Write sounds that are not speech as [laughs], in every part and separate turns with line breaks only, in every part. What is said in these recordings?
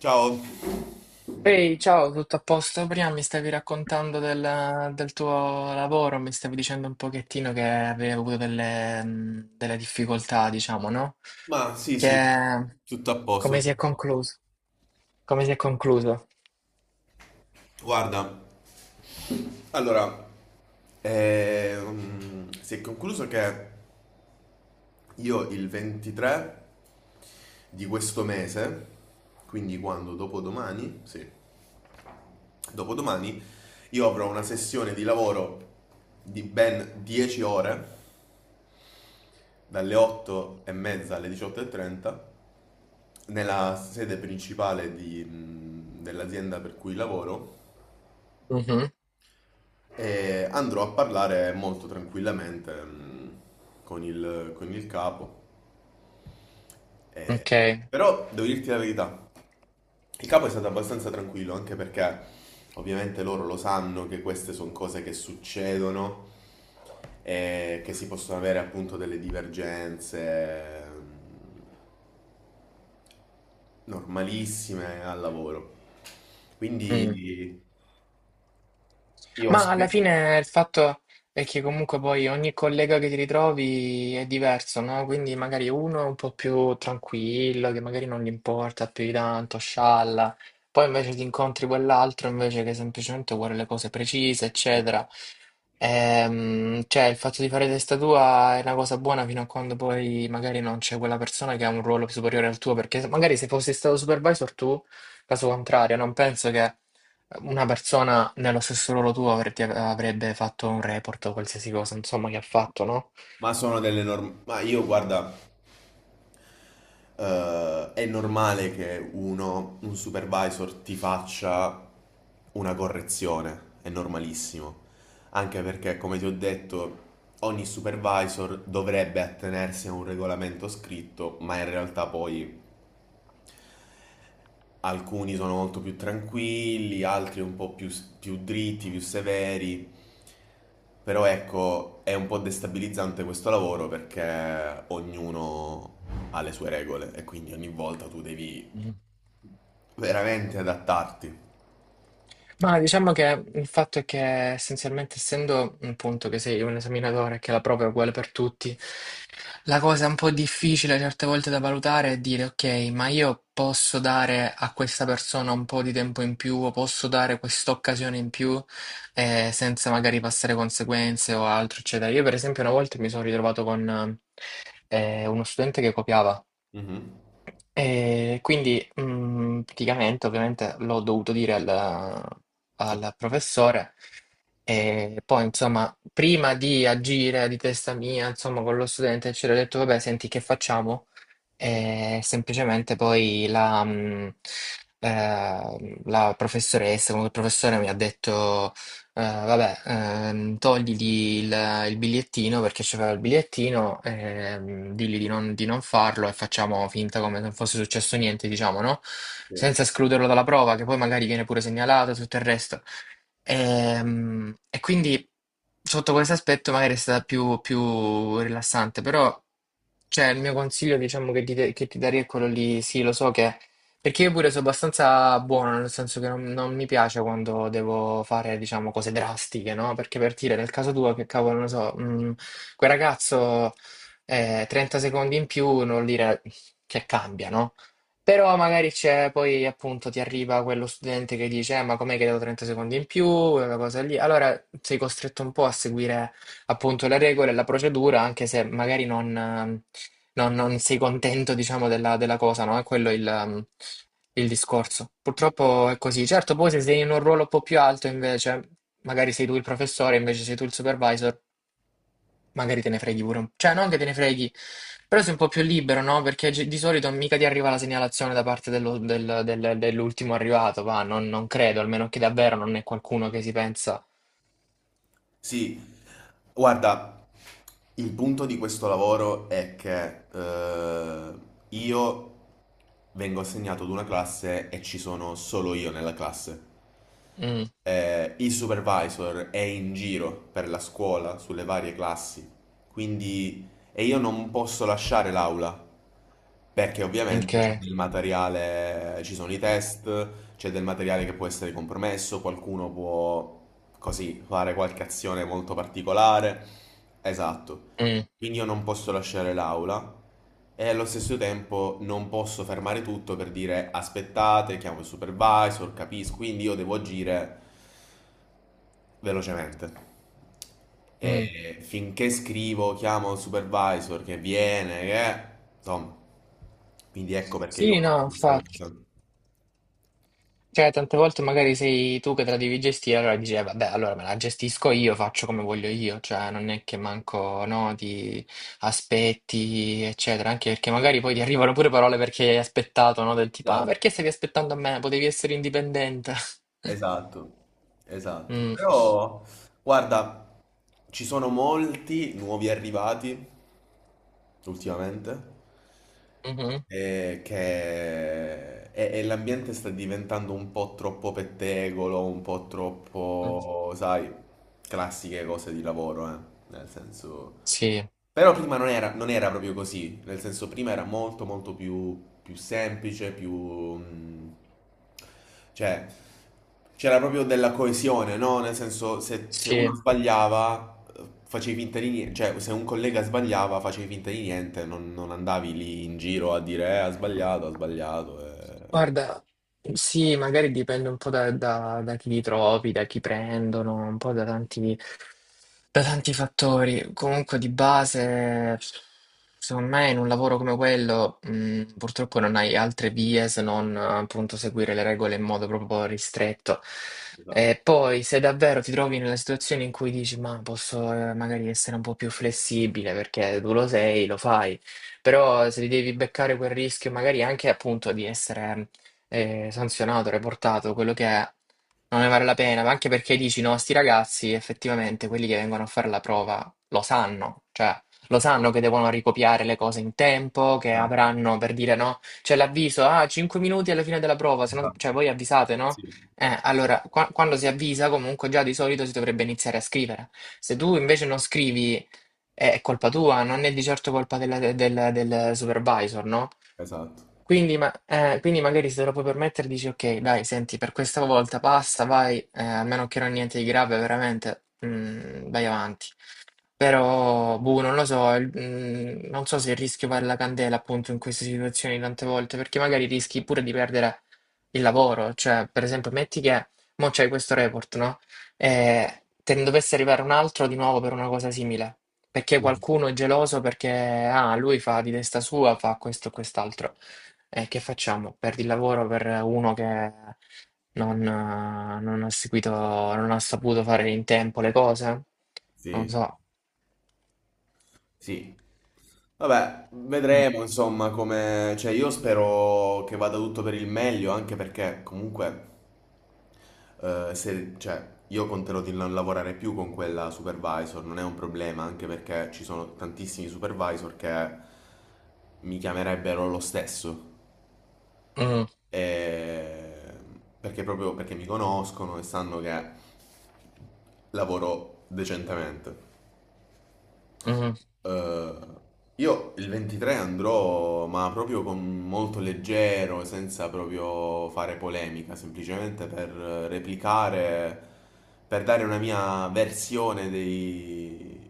Ciao,
Ehi, ciao, tutto a posto? Prima mi stavi raccontando del tuo lavoro, mi stavi dicendo un pochettino che avevi avuto delle, delle difficoltà, diciamo, no?
ma sì, sì,
Che,
tutto a
come
posto.
si è concluso? Come si è concluso?
Guarda, allora, si è concluso che io il 23 di questo mese, quindi quando? Dopodomani? Sì, dopodomani, io avrò una sessione di lavoro di ben 10 ore, dalle 8 e mezza alle 18:30, nella sede principale dell'azienda per cui lavoro.
Mhm.
E andrò a parlare molto tranquillamente con il capo.
Ok.
Però devo dirti la verità, il capo è stato abbastanza tranquillo, anche perché ovviamente loro lo sanno che queste sono cose che succedono e che si possono avere appunto delle divergenze mh, normalissime al lavoro.
Mm.
Quindi io
Ma alla
aspetto.
fine il fatto è che comunque poi ogni collega che ti ritrovi è diverso, no? Quindi magari uno è un po' più tranquillo, che magari non gli importa più di tanto, scialla. Poi invece ti incontri quell'altro invece che semplicemente vuole le cose precise, eccetera. Cioè il fatto di fare testa tua è una cosa buona fino a quando poi magari non c'è quella persona che ha un ruolo superiore al tuo, perché magari se fossi stato supervisor tu, caso contrario, non penso che una persona nello stesso ruolo tuo avrebbe fatto un report o qualsiasi cosa, insomma, che ha fatto, no?
Ma sono delle norme. Ma io, guarda, è normale che un supervisor, ti faccia una correzione, è normalissimo. Anche perché, come ti ho detto, ogni supervisor dovrebbe attenersi a un regolamento scritto, ma in realtà poi alcuni sono molto più tranquilli, altri un po' più dritti, più severi. Però ecco, è un po' destabilizzante questo lavoro perché ognuno ha le sue regole e quindi ogni volta tu devi veramente adattarti.
Ma diciamo che il fatto è che essenzialmente, essendo appunto che sei un esaminatore e che la prova è uguale per tutti, la cosa un po' difficile certe volte da valutare è dire, ok, ma io posso dare a questa persona un po' di tempo in più o posso dare quest'occasione in più senza magari passare conseguenze o altro, eccetera. Io, per esempio, una volta mi sono ritrovato con uno studente che copiava.
Mhm.
E quindi praticamente ovviamente l'ho dovuto dire
Cioè,
al professore e poi insomma prima di agire di testa mia insomma con lo studente ci ho detto vabbè senti che facciamo? E semplicemente poi la professoressa, comunque il professore mi ha detto, vabbè, togli il bigliettino perché c'era il bigliettino, digli di non farlo e facciamo finta come se non fosse successo niente, diciamo, no?
sì.
Senza escluderlo dalla prova, che poi magari viene pure segnalato e tutto il resto. E, quindi sotto questo aspetto magari è stata più rilassante, però... Cioè, il mio consiglio, diciamo, che ti darei è quello lì, sì, lo so che... Perché io pure sono abbastanza buono, nel senso che non mi piace quando devo fare, diciamo, cose drastiche, no? Perché per dire, nel caso tuo, che cavolo, non lo so, quel ragazzo 30 secondi in più, non vuol dire che cambia, no? Però magari c'è, poi appunto ti arriva quello studente che dice, ma com'è che devo 30 secondi in più, quella cosa lì. Allora sei costretto un po' a seguire appunto le regole e la procedura, anche se magari non, non sei contento, diciamo, della cosa, no? È quello il discorso. Purtroppo è così. Certo, poi se sei in un ruolo un po' più alto, invece, magari sei tu il professore, invece sei tu il supervisor, magari te ne freghi pure un po'. Cioè, non che te ne freghi, però sei un po' più libero, no? Perché di solito mica ti arriva la segnalazione da parte dell'ultimo arrivato, va? Non credo, almeno che davvero non è qualcuno che si pensa...
Sì. Guarda, il punto di questo lavoro è che io vengo assegnato ad una classe e ci sono solo io nella classe.
Mm,
Il supervisor è in giro per la scuola, sulle varie classi, quindi e io non posso lasciare l'aula perché
ok,
ovviamente c'è del materiale, ci sono i test, c'è del materiale che può essere compromesso, qualcuno può così fare qualche azione molto particolare. Esatto.
mm,
Quindi io non posso lasciare l'aula e allo stesso tempo non posso fermare tutto per dire aspettate, chiamo il supervisor, capisco, quindi io devo agire velocemente.
mm.
E finché scrivo, chiamo il supervisor che viene, che... Insomma, quindi ecco perché io ho
Sì, no,
fatto questa
infatti.
cosa.
Cioè, tante volte magari sei tu che te la devi gestire, allora dici, vabbè, allora me la gestisco io, faccio come voglio io, cioè non è che manco, no, ti aspetti, eccetera, anche perché magari poi ti arrivano pure parole perché hai aspettato, no, del tipo, ah,
Esatto,
perché stavi aspettando a me? Potevi essere indipendente. [laughs]
esatto, esatto.
Mm.
Però, guarda, ci sono molti nuovi arrivati ultimamente
Mhm.
che... e l'ambiente sta diventando un po' troppo pettegolo, un po'
Mm.
troppo, sai, classiche cose di lavoro, eh. Nel senso...
Sì,
Però prima non era proprio così, nel senso prima era molto molto più semplice, cioè c'era proprio della coesione, no? Nel senso se
sì.
uno sbagliava facevi finta di niente, cioè se un collega sbagliava facevi finta di niente, non andavi lì in giro a dire ha sbagliato, ha sbagliato. Eh.
Guarda, sì, magari dipende un po' da chi li trovi, da chi prendono, un po' da tanti da tanti fattori, comunque di base, secondo me in un lavoro come quello, purtroppo non hai altre vie se non appunto seguire le regole in modo proprio ristretto.
Esatto,
E poi se davvero ti trovi nella situazione in cui dici, ma posso magari essere un po' più flessibile perché tu lo sei, lo fai, però se ti devi beccare quel rischio magari anche appunto di essere sanzionato, reportato, quello che è, non ne vale la pena, ma anche perché dici, no, sti ragazzi, effettivamente, quelli che vengono a fare la prova lo sanno, cioè lo sanno che devono ricopiare le cose in tempo, che
esatto,
avranno, per dire, no, c'è l'avviso, ah, 5 minuti alla fine della prova, se no- cioè
esatto,
voi avvisate, no?
sì,
Allora, quando si avvisa, comunque già di solito si dovrebbe iniziare a scrivere. Se tu invece non scrivi, è colpa tua, non è di certo colpa del supervisor, no?
esatto,
Quindi, quindi magari se te lo puoi permettere dici ok, dai, senti, per questa volta basta, vai, a meno che non niente di grave, veramente, mm, vai avanti. Però, boh, non lo so, non so se il rischio vale la candela appunto in queste situazioni tante volte, perché magari rischi pure di perdere il lavoro, cioè, per esempio, metti che mo c'hai questo report, no? E te ne dovesse arrivare un altro di nuovo per una cosa simile, perché qualcuno è geloso perché, ah, lui fa di testa sua, fa questo e quest'altro. E che facciamo? Perdi il lavoro per uno che non ha seguito, non ha saputo fare in tempo le cose? Non
sì.
so.
Sì. Vabbè,
Mm,
vedremo insomma come... Cioè io spero che vada tutto per il meglio, anche perché comunque se... cioè, io conterò di non lavorare più con quella supervisor, non è un problema, anche perché ci sono tantissimi supervisor che mi chiamerebbero lo stesso. E- Perché proprio perché mi conoscono e sanno che lavoro decentemente.
mm.
Eh, io il 23 andrò, ma proprio con molto leggero, senza proprio fare polemica, semplicemente per replicare, per dare una mia versione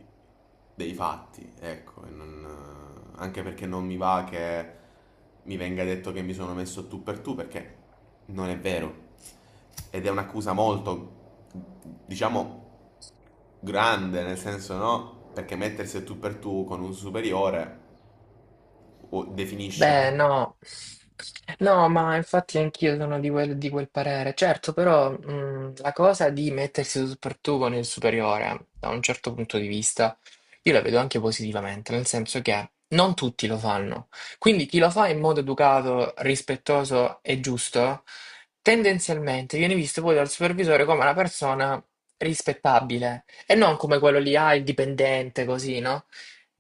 dei fatti, ecco, anche perché non mi va che mi venga detto che mi sono messo tu per tu, perché non è vero. Ed è un'accusa molto, diciamo, grande, nel senso no, perché mettersi a tu per tu con un superiore definisce. No?
Beh, no, no, ma infatti anch'io sono di di quel parere. Certo, però mm, la cosa di mettersi tu per tu con il superiore, da un certo punto di vista, io la vedo anche positivamente, nel senso che non tutti lo fanno. Quindi chi lo fa in modo educato, rispettoso e giusto, tendenzialmente viene visto poi dal supervisore come una persona rispettabile e non come quello lì, ah, il dipendente, così, no?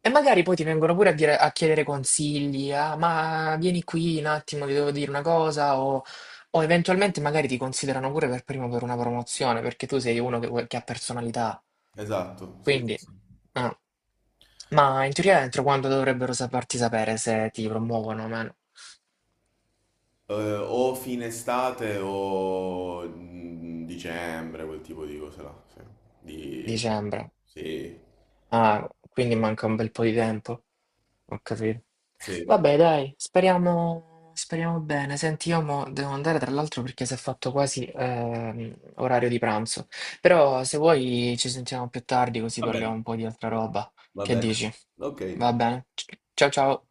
E magari poi ti vengono pure a chiedere consigli, ah, ma vieni qui un attimo, ti devo dire una cosa, o eventualmente magari ti considerano pure per primo per una promozione, perché tu sei uno che ha personalità.
Esatto, sì. Sì,
Quindi,
sì.
no. Ma in teoria entro quando dovrebbero farti sapere se ti promuovono o meno?
O fine estate o dicembre, quel tipo di cose là. Sì. Di...
Dicembre.
Sì,
Ah, quindi manca un bel po' di tempo. Ho capito.
sì.
Vabbè, dai, speriamo, speriamo bene. Senti, io mo devo andare tra l'altro perché si è fatto quasi orario di pranzo. Però se vuoi ci sentiamo più tardi così
Va
parliamo
bene.
un po' di altra roba.
Va
Che
bene.
dici?
Ok.
Va bene. Ciao ciao.